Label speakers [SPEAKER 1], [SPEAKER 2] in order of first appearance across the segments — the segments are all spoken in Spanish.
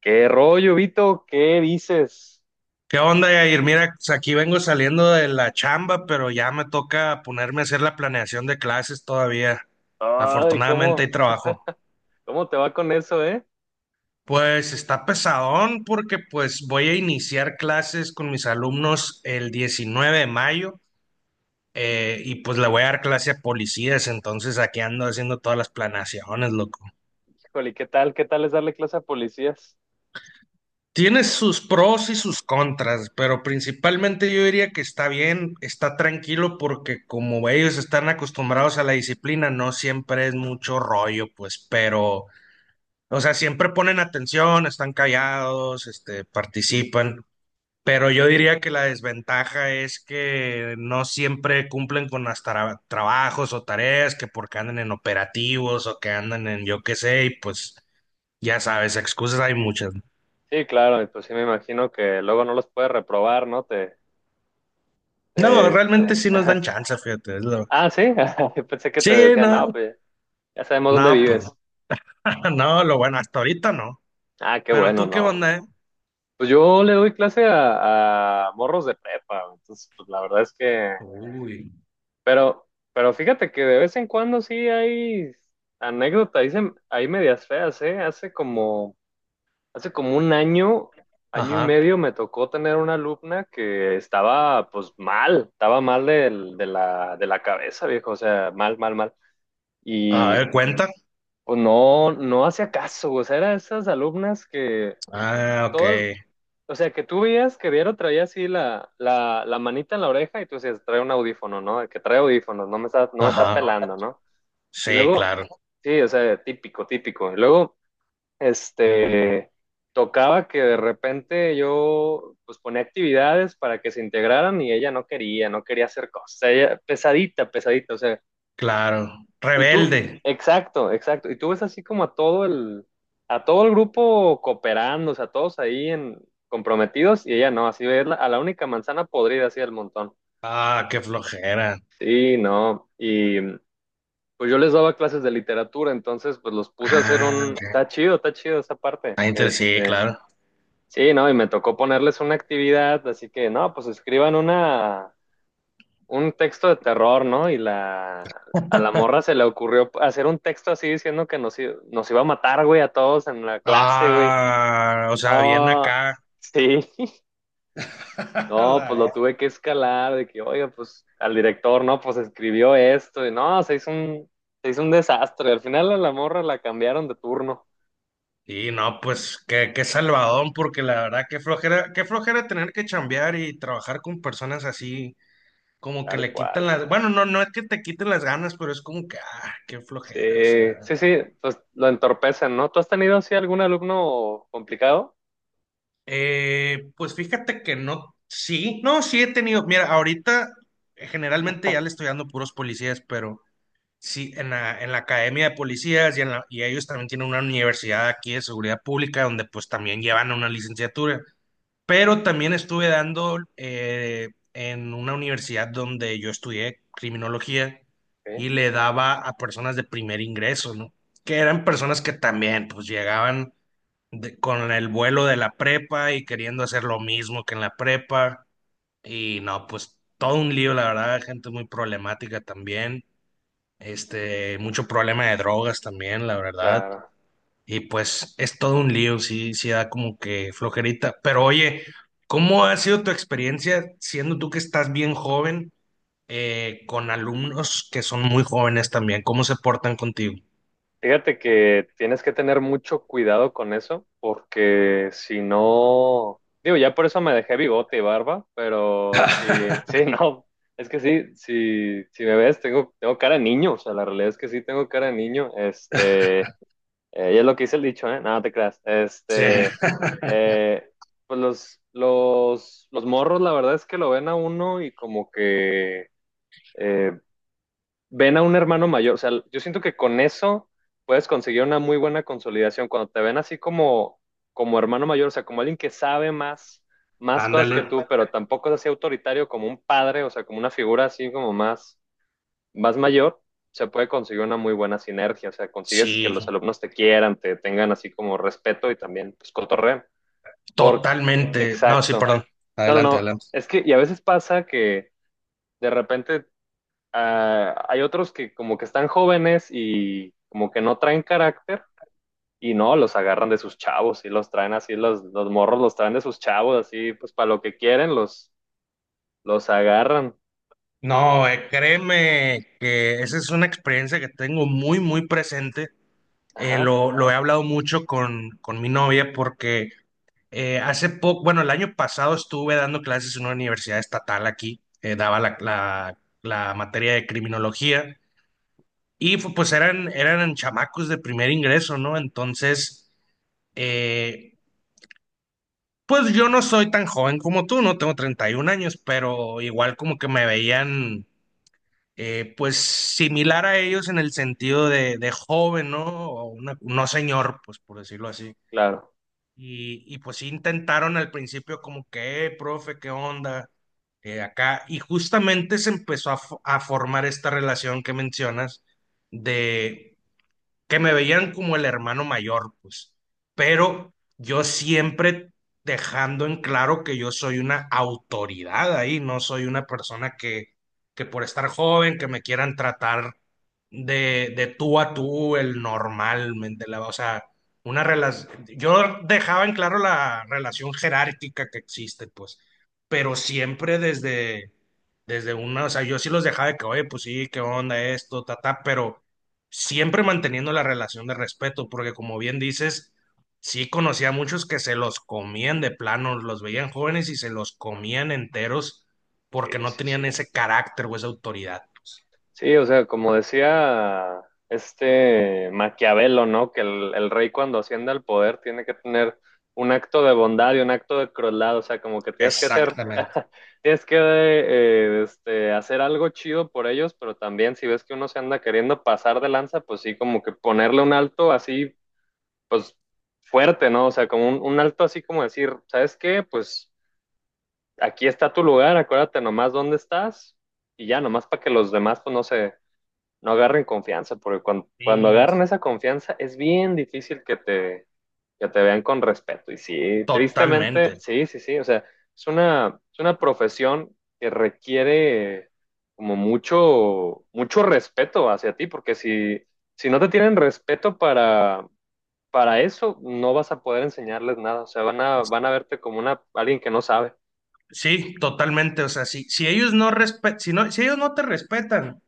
[SPEAKER 1] ¿Qué rollo, Vito? ¿Qué dices?
[SPEAKER 2] ¿Qué onda, Yair? Mira, pues, aquí vengo saliendo de la chamba, pero ya me toca ponerme a hacer la planeación de clases todavía.
[SPEAKER 1] Ay,
[SPEAKER 2] Afortunadamente
[SPEAKER 1] ¿cómo,
[SPEAKER 2] hay trabajo.
[SPEAKER 1] cómo te va con eso, eh?
[SPEAKER 2] Pues está pesadón porque pues voy a iniciar clases con mis alumnos el 19 de mayo y pues le voy a dar clase a policías, entonces aquí ando haciendo todas las planeaciones, loco.
[SPEAKER 1] Híjole, ¿qué tal? ¿Qué tal es darle clase a policías?
[SPEAKER 2] Tiene sus pros y sus contras, pero principalmente yo diría que está bien, está tranquilo porque como ellos están acostumbrados a la disciplina, no siempre es mucho rollo, pues, pero, o sea, siempre ponen atención, están callados, participan, pero yo diría que la desventaja es que no siempre cumplen con las trabajos o tareas, que porque andan en operativos o que andan en yo qué sé, y pues ya sabes, excusas hay muchas, ¿no?
[SPEAKER 1] Sí, claro, y pues sí me imagino que luego no los puedes reprobar, ¿no?
[SPEAKER 2] No,
[SPEAKER 1] Te- te-
[SPEAKER 2] realmente sí nos dan chance, fíjate.
[SPEAKER 1] Ah, sí, yo pensé que te
[SPEAKER 2] Sí,
[SPEAKER 1] decían,
[SPEAKER 2] no,
[SPEAKER 1] no, pues ya sabemos dónde
[SPEAKER 2] no, pues
[SPEAKER 1] vives.
[SPEAKER 2] no. No, lo bueno, hasta ahorita no.
[SPEAKER 1] Ah, qué
[SPEAKER 2] Pero
[SPEAKER 1] bueno,
[SPEAKER 2] tú, ¿qué
[SPEAKER 1] no.
[SPEAKER 2] onda,
[SPEAKER 1] Pues yo le doy clase a morros de prepa, entonces pues la verdad es que
[SPEAKER 2] Uy.
[SPEAKER 1] Pero, pero fíjate que de vez en cuando sí hay anécdotas, ahí, ahí medias feas, ¿eh? Hace como un año, año y
[SPEAKER 2] Ajá.
[SPEAKER 1] medio me tocó tener una alumna que estaba pues mal, estaba mal de de la cabeza, viejo, o sea, mal, mal, mal.
[SPEAKER 2] A
[SPEAKER 1] Y
[SPEAKER 2] ver, cuenta.
[SPEAKER 1] pues no, no hacía caso, o sea, eran esas alumnas que
[SPEAKER 2] Ah, ok.
[SPEAKER 1] todo, o sea, que tú veías que diario traía así la manita en la oreja y tú decías, trae un audífono, ¿no? El que trae audífonos, no me está
[SPEAKER 2] Ajá.
[SPEAKER 1] pelando, ¿no? Y
[SPEAKER 2] Sí,
[SPEAKER 1] luego,
[SPEAKER 2] claro,
[SPEAKER 1] sí, o sea, típico, típico. Y luego, este, tocaba que de repente yo, pues ponía actividades para que se integraran y ella no quería, no quería hacer cosas. Ella, pesadita, pesadita, o sea,
[SPEAKER 2] claro.
[SPEAKER 1] y tú,
[SPEAKER 2] Rebelde.
[SPEAKER 1] exacto, exacto. Y tú ves así como a a todo el grupo cooperando, o sea, todos comprometidos y ella no, así verla a la única manzana podrida así del montón.
[SPEAKER 2] Ah, qué flojera.
[SPEAKER 1] Sí, no. Y pues yo les daba clases de literatura, entonces pues los puse a hacer
[SPEAKER 2] Ah,
[SPEAKER 1] un...
[SPEAKER 2] ok.
[SPEAKER 1] Está chido esa parte.
[SPEAKER 2] Sí, claro.
[SPEAKER 1] Sí, no, y me tocó ponerles una actividad, así que no, pues escriban un texto de terror, ¿no? A la morra se le ocurrió hacer un texto así diciendo que nos iba a matar, güey, a todos en la clase, güey.
[SPEAKER 2] Ah, o sea, bien
[SPEAKER 1] Ah,
[SPEAKER 2] acá.
[SPEAKER 1] sí, no, pues lo
[SPEAKER 2] La.
[SPEAKER 1] tuve que escalar, de que, oiga, pues al director, no, pues escribió esto, y no, se hizo un desastre. Al final a la morra la cambiaron de turno,
[SPEAKER 2] Y no, pues qué, qué salvadón, porque la verdad qué flojera tener que chambear y trabajar con personas así, como que
[SPEAKER 1] tal
[SPEAKER 2] le quitan
[SPEAKER 1] cual.
[SPEAKER 2] las, bueno, no, no es que te quiten las ganas, pero es como que, ah, qué
[SPEAKER 1] Sí,
[SPEAKER 2] flojera, o sea.
[SPEAKER 1] sí, sí, pues lo entorpecen, ¿no? ¿Tú has tenido así algún alumno complicado?
[SPEAKER 2] Pues fíjate que no, sí, no, sí he tenido, mira, ahorita generalmente ya le estoy dando puros policías, pero sí, en la academia de policías y, y ellos también tienen una universidad aquí de seguridad pública donde pues también llevan una licenciatura. Pero también estuve dando en una universidad donde yo estudié criminología
[SPEAKER 1] Sí,
[SPEAKER 2] y le daba a personas de primer ingreso, ¿no? Que eran personas que también pues llegaban con el vuelo de la prepa y queriendo hacer lo mismo que en la prepa. Y no, pues todo un lío, la verdad, gente muy problemática también. Mucho problema de drogas también, la verdad.
[SPEAKER 1] claro.
[SPEAKER 2] Y pues es todo un lío, sí, sí da como que flojerita. Pero oye, ¿cómo ha sido tu experiencia siendo tú que estás bien joven con alumnos que son muy jóvenes también? ¿Cómo se portan contigo?
[SPEAKER 1] Fíjate que tienes que tener mucho cuidado con eso, porque si no, digo, ya por eso me dejé bigote y barba, pero sí, sí, no, es que sí, sí, si me ves, tengo, tengo cara de niño, o sea, la realidad es que sí tengo cara de niño, y es lo que dice el dicho, ¿eh? Nada no te creas,
[SPEAKER 2] Sí.
[SPEAKER 1] eh, pues los morros, la verdad es que lo ven a uno y como que eh, ven a un hermano mayor. O sea, yo siento que con eso puedes conseguir una muy buena consolidación. Cuando te ven así como, como hermano mayor, o sea, como alguien que sabe más, más cosas
[SPEAKER 2] Ándale.
[SPEAKER 1] que tú, pero tampoco es así autoritario como un padre, o sea, como una figura así como más mayor, se puede conseguir una muy buena sinergia. O sea, consigues que
[SPEAKER 2] Sí,
[SPEAKER 1] los alumnos te quieran, te tengan así como respeto y también pues cotorreen. Por...
[SPEAKER 2] totalmente. No, sí,
[SPEAKER 1] Exacto.
[SPEAKER 2] perdón.
[SPEAKER 1] No, no,
[SPEAKER 2] Adelante,
[SPEAKER 1] no.
[SPEAKER 2] adelante.
[SPEAKER 1] Es que, y a veces pasa que de repente ah, hay otros que como que están jóvenes y como que no traen carácter y no, los agarran de sus chavos y los traen así, los morros los traen de sus chavos, así pues para lo que quieren los agarran.
[SPEAKER 2] No, créeme que esa es una experiencia que tengo muy, muy presente.
[SPEAKER 1] Ajá,
[SPEAKER 2] Lo he hablado mucho con mi novia porque hace poco, bueno, el año pasado estuve dando clases en una universidad estatal aquí, daba la materia de criminología y pues eran, eran chamacos de primer ingreso, ¿no? Entonces, eh, pues yo no soy tan joven como tú, no tengo 31 años, pero igual como que me veían pues similar a ellos en el sentido de joven, ¿no? No señor, pues por decirlo así.
[SPEAKER 1] claro.
[SPEAKER 2] Y pues sí intentaron al principio como que, profe, ¿qué onda? Acá." Y justamente se empezó a, a formar esta relación que mencionas de, que me veían como el hermano mayor, pues. Pero yo siempre dejando en claro que yo soy una autoridad ahí, no soy una persona que por estar joven, que me quieran tratar de tú a tú, el normal, ¿me entiendes? O sea, una relación, yo dejaba en claro la relación jerárquica que existe, pues, pero siempre desde, desde una, o sea, yo sí los dejaba de que, oye, pues sí, qué onda esto, ta, ta, pero siempre manteniendo la relación de respeto, porque como bien dices, sí conocía a muchos que se los comían de plano, los veían jóvenes y se los comían enteros porque
[SPEAKER 1] Sí,
[SPEAKER 2] no
[SPEAKER 1] sí, sí.
[SPEAKER 2] tenían ese carácter o esa autoridad.
[SPEAKER 1] Sí, o sea, como decía este Maquiavelo, ¿no? Que el rey cuando asciende al poder tiene que tener un acto de bondad y un acto de crueldad, o sea, como que tienes que hacer,
[SPEAKER 2] Exactamente.
[SPEAKER 1] tienes que hacer algo chido por ellos, pero también si ves que uno se anda queriendo pasar de lanza, pues sí, como que ponerle un alto así, pues fuerte, ¿no? O sea, como un alto así como decir, ¿sabes qué? Pues aquí está tu lugar, acuérdate nomás dónde estás y ya, nomás para que los demás, pues no sé no agarren confianza, porque cuando
[SPEAKER 2] Sí,
[SPEAKER 1] agarran
[SPEAKER 2] sí,
[SPEAKER 1] esa confianza es bien difícil que te vean con respeto. Y sí, tristemente,
[SPEAKER 2] totalmente.
[SPEAKER 1] sí, sí, sí, o sea, es es una profesión que requiere como mucho, mucho respeto hacia ti, porque si, si no te tienen respeto para eso, no vas a poder enseñarles nada, o sea, van a, van a verte como una, alguien que no sabe.
[SPEAKER 2] Sí, totalmente. O sea, si, si ellos no respe- si no, si ellos no te respetan,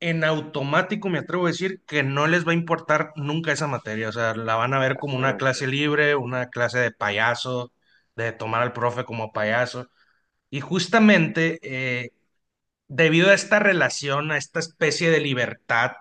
[SPEAKER 2] en automático me atrevo a decir que no les va a importar nunca esa materia. O sea, la van a ver como una clase
[SPEAKER 1] Exactamente,
[SPEAKER 2] libre, una clase de payaso, de tomar al profe como payaso. Y justamente debido a esta relación, a esta especie de libertad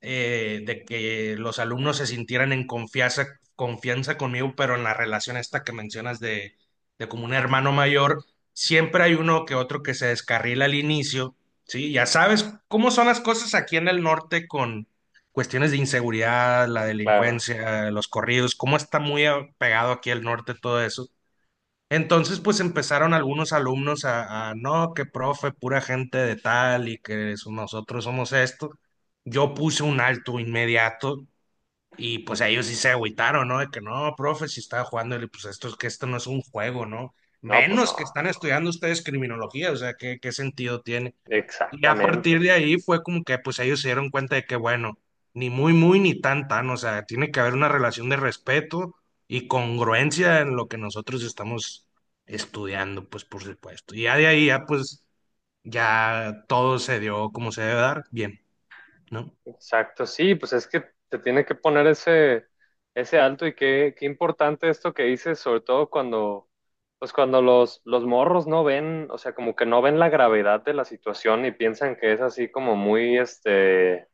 [SPEAKER 2] de que los alumnos se sintieran en confianza, confianza conmigo, pero en la relación esta que mencionas de como un hermano mayor, siempre hay uno que otro que se descarrila al inicio, ¿sí? Ya sabes cómo son las cosas aquí en el norte con cuestiones de inseguridad, la
[SPEAKER 1] claro,
[SPEAKER 2] delincuencia, los corridos, cómo está muy pegado aquí el norte todo eso. Entonces, pues empezaron algunos alumnos a, no, que profe, pura gente de tal y nosotros somos esto. Yo puse un alto inmediato y pues ellos sí se agüitaron, ¿no? De que no, profe, si estaba jugando, y le, pues esto es que esto no es un juego, ¿no?
[SPEAKER 1] no, pues
[SPEAKER 2] Menos que
[SPEAKER 1] no,
[SPEAKER 2] están estudiando ustedes criminología, o sea, ¿qué, qué sentido tiene? Y a partir
[SPEAKER 1] exactamente.
[SPEAKER 2] de ahí fue como que pues ellos se dieron cuenta de que bueno, ni muy muy ni tan tan, o sea, tiene que haber una relación de respeto y congruencia en lo que nosotros estamos estudiando, pues por supuesto. Y ya de ahí ya pues ya todo se dio como se debe dar, bien, ¿no?
[SPEAKER 1] Exacto, sí, pues es que te tiene que poner ese, ese alto y qué, qué importante esto que dices, sobre todo cuando, pues cuando los morros no ven, o sea, como que no ven la gravedad de la situación y piensan que es así como muy,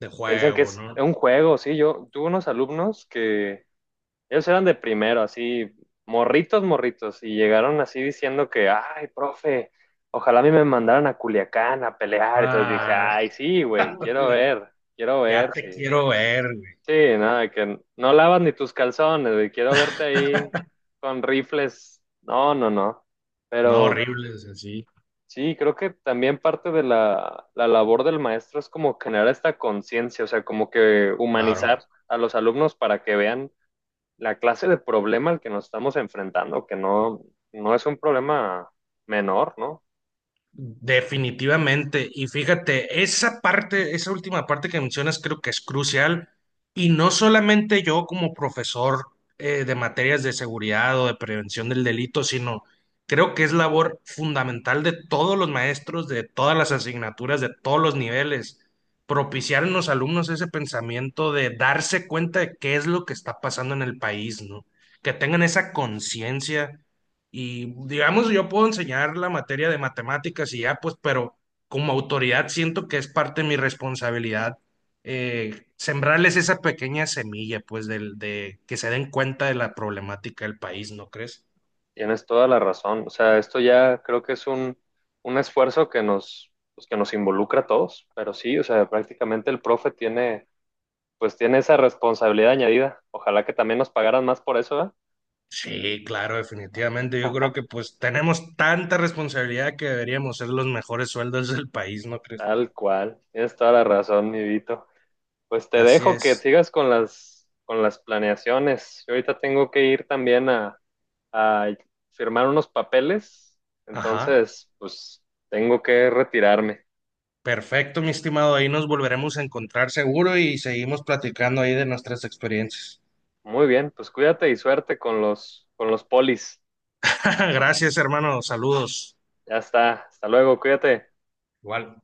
[SPEAKER 2] De
[SPEAKER 1] piensan que
[SPEAKER 2] juego,
[SPEAKER 1] es
[SPEAKER 2] ¿no?
[SPEAKER 1] un juego, sí, yo tuve unos alumnos que ellos eran de primero, así, morritos, morritos, y llegaron así diciendo que, ay, profe, ojalá a mí me mandaran a Culiacán a pelear. Entonces dije,
[SPEAKER 2] Ah.
[SPEAKER 1] ay, sí, güey, quiero
[SPEAKER 2] Ya
[SPEAKER 1] ver,
[SPEAKER 2] te
[SPEAKER 1] sí.
[SPEAKER 2] quiero ver, güey.
[SPEAKER 1] Sí, nada, que no lavas ni tus calzones, güey, quiero verte ahí con rifles. No, no, no.
[SPEAKER 2] No,
[SPEAKER 1] Pero
[SPEAKER 2] horribles, así.
[SPEAKER 1] sí, creo que también parte de la labor del maestro es como generar esta conciencia, o sea, como que
[SPEAKER 2] Claro.
[SPEAKER 1] humanizar a los alumnos para que vean la clase de problema al que nos estamos enfrentando, que no, no es un problema menor, ¿no?
[SPEAKER 2] Definitivamente. Y fíjate, esa parte, esa última parte que mencionas creo que es crucial. Y no solamente yo como profesor de materias de seguridad o de prevención del delito, sino creo que es labor fundamental de todos los maestros, de todas las asignaturas, de todos los niveles, propiciar en los alumnos ese pensamiento de darse cuenta de qué es lo que está pasando en el país, ¿no? Que tengan esa conciencia y digamos, yo puedo enseñar la materia de matemáticas y ya, pues, pero como autoridad siento que es parte de mi responsabilidad sembrarles esa pequeña semilla, pues, del, de que se den cuenta de la problemática del país, ¿no crees?
[SPEAKER 1] Tienes toda la razón. O sea, esto ya creo que es un esfuerzo que nos, pues, que nos involucra a todos, pero sí, o sea, prácticamente el profe tiene, pues tiene esa responsabilidad añadida. Ojalá que también nos pagaran más por eso, ¿eh?
[SPEAKER 2] Sí, claro, definitivamente. Yo creo que pues tenemos tanta responsabilidad que deberíamos ser los mejores sueldos del país, ¿no crees?
[SPEAKER 1] Tal cual. Tienes toda la razón, mi Vito. Pues te
[SPEAKER 2] Así
[SPEAKER 1] dejo que
[SPEAKER 2] es.
[SPEAKER 1] sigas con con las planeaciones. Yo ahorita tengo que ir también a firmar unos papeles,
[SPEAKER 2] Ajá.
[SPEAKER 1] entonces pues tengo que retirarme.
[SPEAKER 2] Perfecto, mi estimado. Ahí nos volveremos a encontrar seguro y seguimos platicando ahí de nuestras experiencias.
[SPEAKER 1] Muy bien, pues cuídate y suerte con con los polis.
[SPEAKER 2] Gracias, hermano. Saludos.
[SPEAKER 1] Ya está, hasta luego, cuídate.
[SPEAKER 2] Igual.